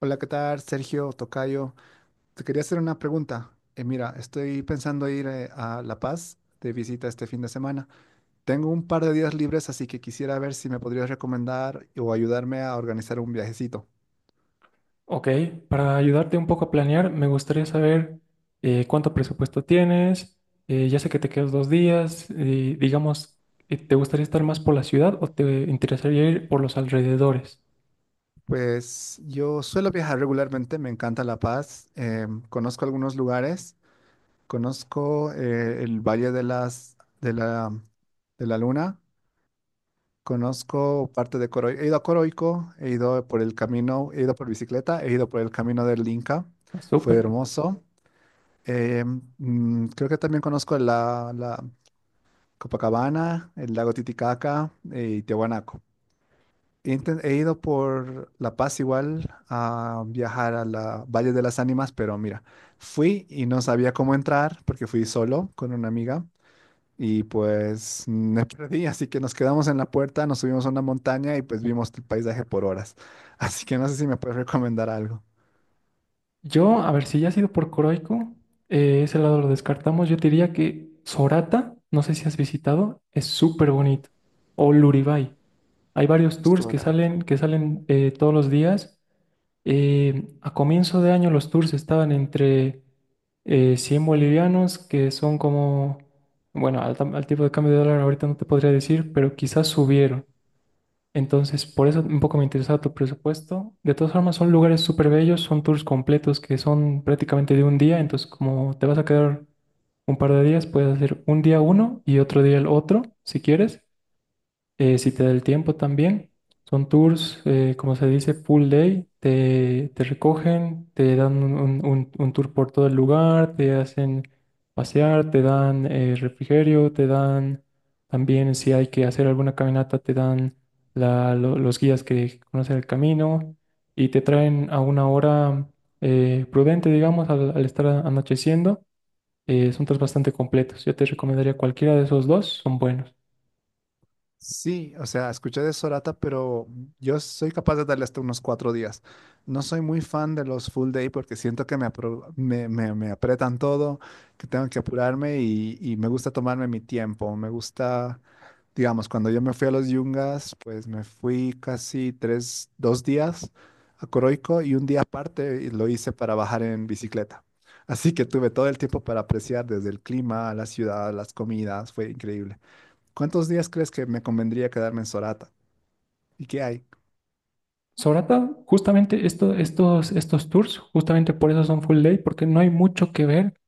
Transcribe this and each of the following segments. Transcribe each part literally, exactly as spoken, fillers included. Hola, ¿qué tal? Sergio Tocayo. Te quería hacer una pregunta. Eh, mira, estoy pensando ir eh, a La Paz de visita este fin de semana. Tengo un par de días libres, así que quisiera ver si me podrías recomendar o ayudarme a organizar un viajecito. Ok, para ayudarte un poco a planear, me gustaría saber eh, cuánto presupuesto tienes. Eh, ya sé que te quedas dos días. Eh, digamos, eh, ¿te gustaría estar más por la ciudad o te interesaría ir por los alrededores? Pues yo suelo viajar regularmente, me encanta La Paz. Eh, conozco algunos lugares, conozco eh, el Valle de las, de la, de la Luna. Conozco parte de Coroico. He ido a Coroico, he ido por el camino, he ido por bicicleta, he ido por el camino del Inca. Ah, Fue súper. hermoso. Eh, mm, Creo que también conozco la, la Copacabana, el lago Titicaca eh, y Tiahuanaco. He, inten- he ido por La Paz igual a viajar a la Valle de las Ánimas, pero mira, fui y no sabía cómo entrar porque fui solo con una amiga. Y pues me perdí, así que nos quedamos en la puerta, nos subimos a una montaña y pues vimos el paisaje por horas. Así que no sé si me puedes recomendar algo. Yo, a ver, si ya has ido por Coroico, eh, ese lado lo descartamos. Yo te diría que Sorata, no sé si has visitado, es súper bonito. O Luribay. Hay varios tours que Sorata. salen, que salen eh, todos los días. Eh, a comienzo de año los tours estaban entre eh, cien bolivianos, que son como, bueno, al, tam- al tipo de cambio de dólar ahorita no te podría decir, pero quizás subieron. Entonces, por eso un poco me interesaba tu presupuesto. De todas formas, son lugares súper bellos, son tours completos que son prácticamente de un día, entonces como te vas a quedar un par de días, puedes hacer un día uno y otro día el otro, si quieres. Eh, si te da el tiempo también, son tours, eh, como se dice, full day, te, te recogen, te dan un, un- un- un tour por todo el lugar, te hacen pasear, te dan eh, refrigerio, te dan también si hay que hacer alguna caminata, te dan la- lo- los guías que conocen el camino y te traen a una hora eh, prudente, digamos, al, al estar anocheciendo. Eh, son tours bastante completos. Yo te recomendaría cualquiera de esos dos, son buenos. Sí, o sea, escuché de Sorata, pero yo soy capaz de darle hasta unos cuatro días. No soy muy fan de los full day porque siento que me, apro- me, me- me apretan todo, que tengo que apurarme y, y me gusta tomarme mi tiempo. Me gusta. Digamos, cuando yo me fui a los Yungas, pues me fui casi tres, dos días a Coroico y un día aparte lo hice para bajar en bicicleta. Así que tuve todo el tiempo para apreciar desde el clima, la ciudad, las comidas, fue increíble. ¿Cuántos días crees que me convendría quedarme en Sorata? ¿Y qué hay? Sorata, justamente esto- estos, estos tours, justamente por eso son full day, porque no hay mucho que ver,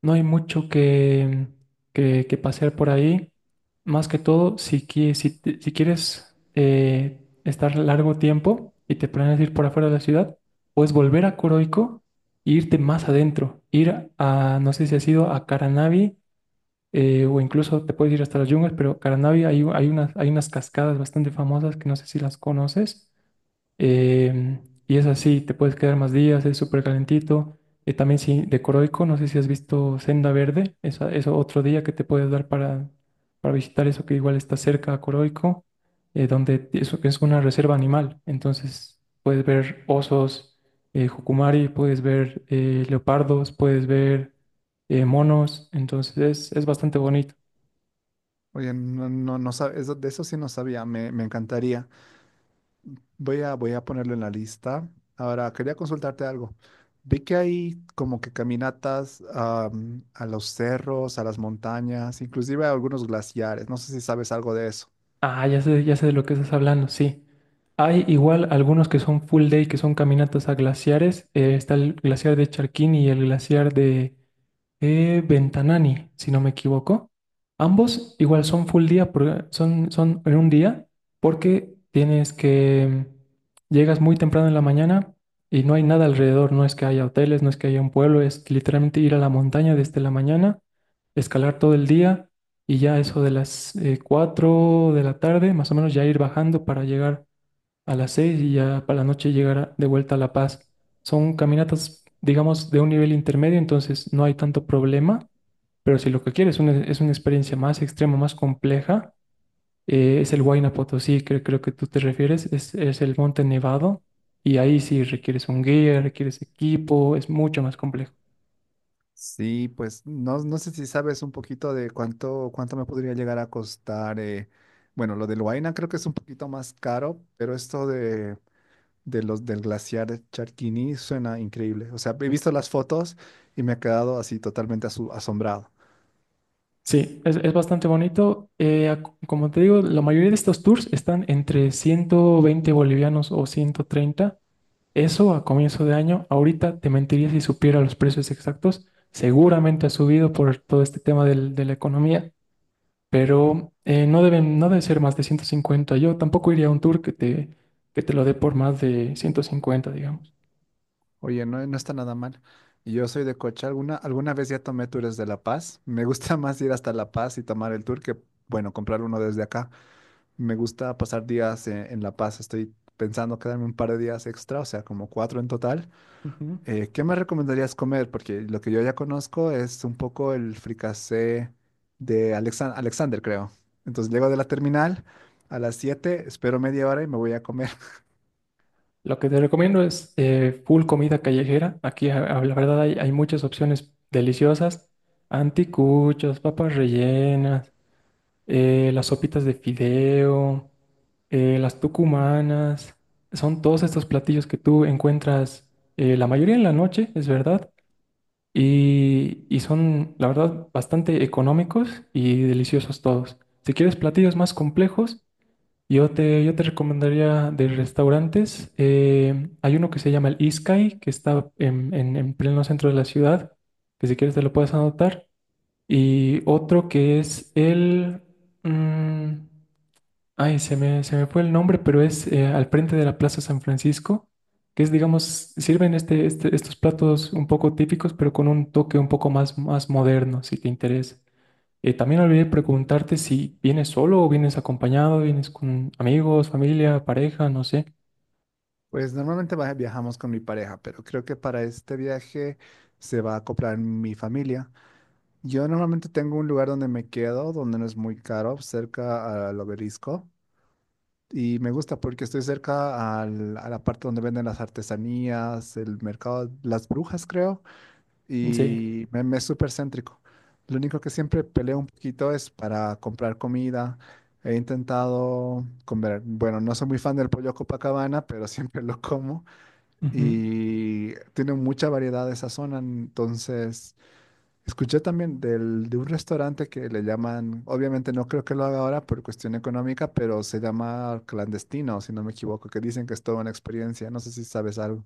no hay mucho que, que, que pasear por ahí. Más que todo, si, qui- si, te- si quieres eh, estar largo tiempo y te planeas ir por afuera de la ciudad, puedes volver a Coroico e irte más adentro. Ir a, no sé si has ido a Caranavi eh, o incluso te puedes ir hasta las yungas, pero Caranavi hay, hay unas, hay unas cascadas bastante famosas que no sé si las conoces. Em, y es así, te puedes quedar más días, es súper calentito. Eh, también sí, de Coroico, no sé si has visto Senda Verde, esa, eso otro día que te puedes dar para, para visitar eso que igual está cerca a Coroico, eh, donde eso es una reserva animal. Entonces puedes ver osos, eh, jucumari, puedes ver eh, leopardos, puedes ver eh, monos. Entonces es, es bastante bonito. Oye, no, no, no sab- eso- de eso sí no sabía, me, me encantaría. Voy a, voy a ponerlo en la lista. Ahora, quería consultarte algo. Vi que hay como que caminatas am, a los cerros, a las montañas, inclusive a algunos glaciares. No sé si sabes algo de eso. Ah, ya sé, ya sé de lo que estás hablando, sí. Hay igual algunos que son full day, que son caminatas a glaciares. Eh, está el glaciar de Charquín y el glaciar de eh, Ventanani, si no me equivoco. Ambos igual son full día, por- son, son en un día, porque tienes que, mm, llegas muy temprano en la mañana y no hay nada alrededor, no es que haya hoteles, no es que haya un pueblo, es literalmente ir a la montaña desde la mañana, escalar todo el día y ya eso de las eh, cuatro de la tarde, más o menos ya ir bajando para llegar a las seis y ya para la noche llegar de vuelta a La Paz. Son caminatas, digamos, de un nivel intermedio, entonces no hay tanto problema, pero si lo que quieres es una, es una experiencia más extrema, más compleja, eh, es el Huayna Potosí, que creo que tú te refieres, es, es el Monte Nevado y ahí sí requieres un guía, requieres equipo, es mucho más complejo. Sí, pues no, no sé si sabes un poquito de cuánto, cuánto me podría llegar a costar. eh, Bueno, lo de Huayna creo que es un poquito más caro, pero esto de, de los del glaciar Charquini suena increíble. O sea, he visto las fotos y me he quedado así totalmente asu- asombrado. Sí, es, es bastante bonito. Eh, ac- como te digo, la mayoría de estos tours están entre ciento veinte bolivianos o ciento treinta. Eso a comienzo de año, ahorita te mentiría si supiera los precios exactos. Seguramente ha subido por todo este tema del- de la economía, pero eh, no deben, no debe ser más de ciento cincuenta. Yo tampoco iría a un tour que te, que te lo dé por más de ciento cincuenta, digamos. Oye, no, no está nada mal. Y yo soy de coche. Alguna, alguna vez ya tomé tours de La Paz. Me gusta más ir hasta La Paz y tomar el tour que, bueno, comprar uno desde acá. Me gusta pasar días en, en La Paz. Estoy pensando quedarme un par de días extra, o sea, como cuatro en total. Ujú. Eh, ¿qué me recomendarías comer? Porque lo que yo ya conozco es un poco el fricasé de Alexan- Alexander, creo. Entonces llego de la terminal a las siete, espero media hora y me voy a comer. Lo que te recomiendo es eh, full comida callejera. Aquí, a- a- la verdad, hay, hay muchas opciones deliciosas. Anticuchos, papas rellenas, eh, las sopitas de fideo, eh, las tucumanas. Son todos estos platillos que tú encuentras eh, la mayoría en la noche, es verdad. Y, y son, la verdad, bastante económicos y deliciosos todos. Si quieres platillos más complejos, yo te, yo te recomendaría de restaurantes. Eh, hay uno que se llama el Iskai, que está en, en- en pleno centro de la ciudad, que si quieres te lo puedes anotar. Y otro que es el... mm, ay, se me, se me fue el nombre, pero es eh, al frente de la Plaza San Francisco, que es, digamos, sirven este, este- estos platos un poco típicos, pero con un toque un poco más, más moderno, si te interesa. Eh, también olvidé preguntarte si vienes solo o vienes acompañado, vienes con amigos, familia, pareja, no sé. Pues normalmente va- viajamos con mi pareja, pero creo que para este viaje se va a acoplar mi familia. Yo normalmente tengo un lugar donde me quedo, donde no es muy caro, cerca al obelisco. Y me gusta porque estoy cerca al- a la parte donde venden las artesanías, el mercado, las brujas, creo, Sí. y me, me es súper céntrico. Lo único que siempre peleo un poquito es para comprar comida. He intentado comer, bueno, no soy muy fan del pollo Copacabana, pero siempre lo como Ujú. y tiene mucha variedad esa zona. Entonces, escuché también del, de un restaurante que le llaman, obviamente no creo que lo haga ahora por cuestión económica, pero se llama Clandestino, si no me equivoco, que dicen que es toda una experiencia. No sé si sabes algo.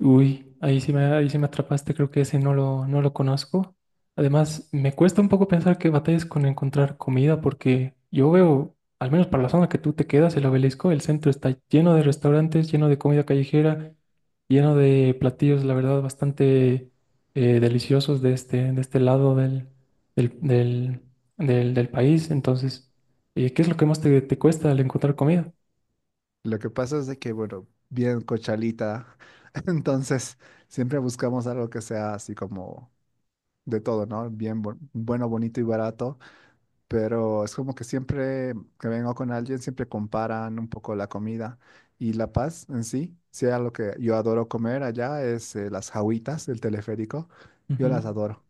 Uy, ahí sí me, ahí sí me atrapaste, creo que ese no lo, no lo conozco. Además, me cuesta un poco pensar que batallas con encontrar comida, porque yo veo, al menos para la zona que tú te quedas, el obelisco, el centro está lleno de restaurantes, lleno de comida callejera, lleno de platillos, la verdad, bastante eh, deliciosos de este, de este lado del, del, del, del- del país. Entonces, eh, ¿qué es lo que más te, te cuesta al encontrar comida? Lo que pasa es de que, bueno, bien cochalita, entonces siempre buscamos algo que sea así como de todo, ¿no? Bien, bu- bueno, bonito y barato. Pero es como que siempre que vengo con alguien, siempre comparan un poco la comida y La Paz en sí. Sea lo que yo adoro comer allá es eh, las jawitas del teleférico. Yo Ujú. las adoro.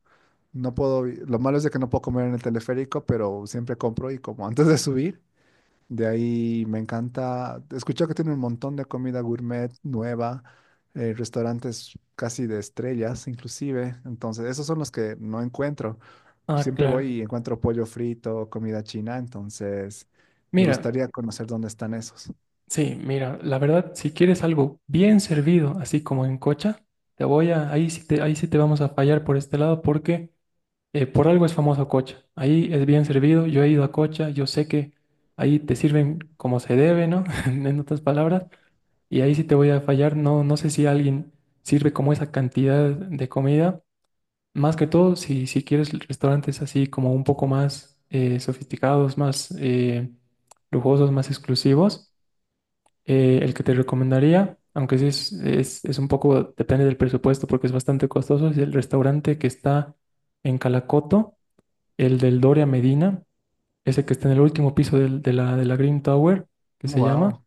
No puedo, vi- lo malo es de que no puedo comer en el teleférico, pero siempre compro y como antes de subir. De ahí me encanta, escuché que tiene un montón de comida gourmet nueva, eh, restaurantes casi de estrellas inclusive. Entonces, esos son los que no encuentro. Ah, Siempre voy claro. y encuentro pollo frito, comida china, entonces me Mira. gustaría conocer dónde están esos. Sí, mira, la verdad, si quieres algo bien servido, así como en Cocha, te voy a, ahí sí te, ahí sí te vamos a fallar por este lado porque eh, por algo es famoso Cocha. Ahí es bien servido, yo he ido a Cocha, yo sé que ahí te sirven como se debe, ¿no? En otras palabras, y ahí sí te voy a fallar, no, no sé si alguien sirve como esa cantidad de comida. Más que todo, si, si quieres restaurantes así como un poco más eh, sofisticados, más eh, lujosos, más exclusivos. Eh, el que te recomendaría, aunque sí es, es, es un poco, depende del presupuesto porque es bastante costoso, es el restaurante que está en Calacoto, el del Doria Medina, ese que está en el último piso del- de la, de la Green Tower, que se llama, Wow.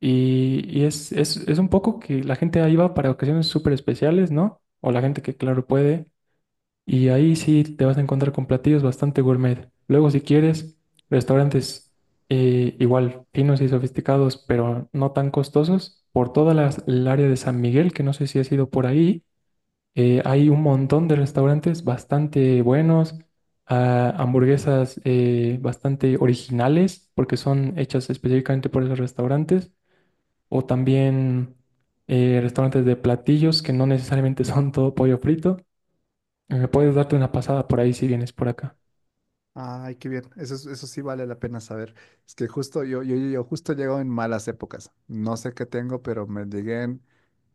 y, y es, es, es un poco que la gente ahí va para ocasiones súper especiales, ¿no? O la gente que, claro, puede, y ahí sí te vas a encontrar con platillos bastante gourmet. Luego, si quieres, restaurantes eh, igual finos y sofisticados, pero no tan costosos. Por toda las- el área de San Miguel, que no sé si has ido por ahí, eh, hay un montón de restaurantes bastante buenos, ah, hamburguesas eh, bastante originales, porque son hechas específicamente por esos restaurantes, o también eh, restaurantes de platillos que no necesariamente son todo pollo frito. Eh, puedes darte una pasada por ahí si vienes por acá. Ay, qué bien. Eso, es- eso sí vale la pena saber. Es que justo yo, yo, yo justo llego en malas épocas. No sé qué tengo, pero me llegué en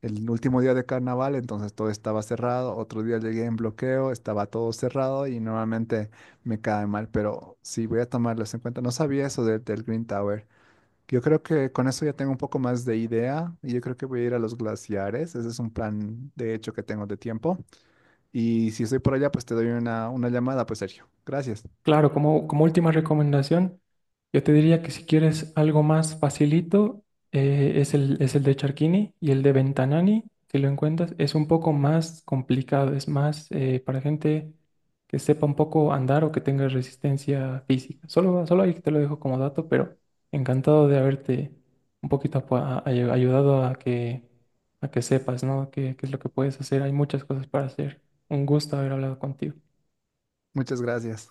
el último día de carnaval, entonces todo estaba cerrado. Otro día llegué en bloqueo, estaba todo cerrado y normalmente me cae mal, pero sí voy a tomarlos en cuenta. No sabía eso del del Green Tower. Yo creo que con eso ya tengo un poco más de idea y yo creo que voy a ir a los glaciares. Ese es un plan de hecho que tengo de tiempo. Y si estoy por allá, pues te doy una, una llamada, pues Sergio. Gracias. Claro, como, como última recomendación, yo te diría que si quieres algo más facilito, eh, es el, es el de Charquini y el de Ventanani, si lo encuentras, es un poco más complicado, es más eh, para gente que sepa un poco andar o que tenga resistencia física. Solo, solo ahí te lo dejo como dato, pero encantado de haberte un poquito apo- a- a- ayudado a que, a que sepas, ¿no? ¿Qué, qué es lo que puedes hacer? Hay muchas cosas para hacer. Un gusto haber hablado contigo. Muchas gracias.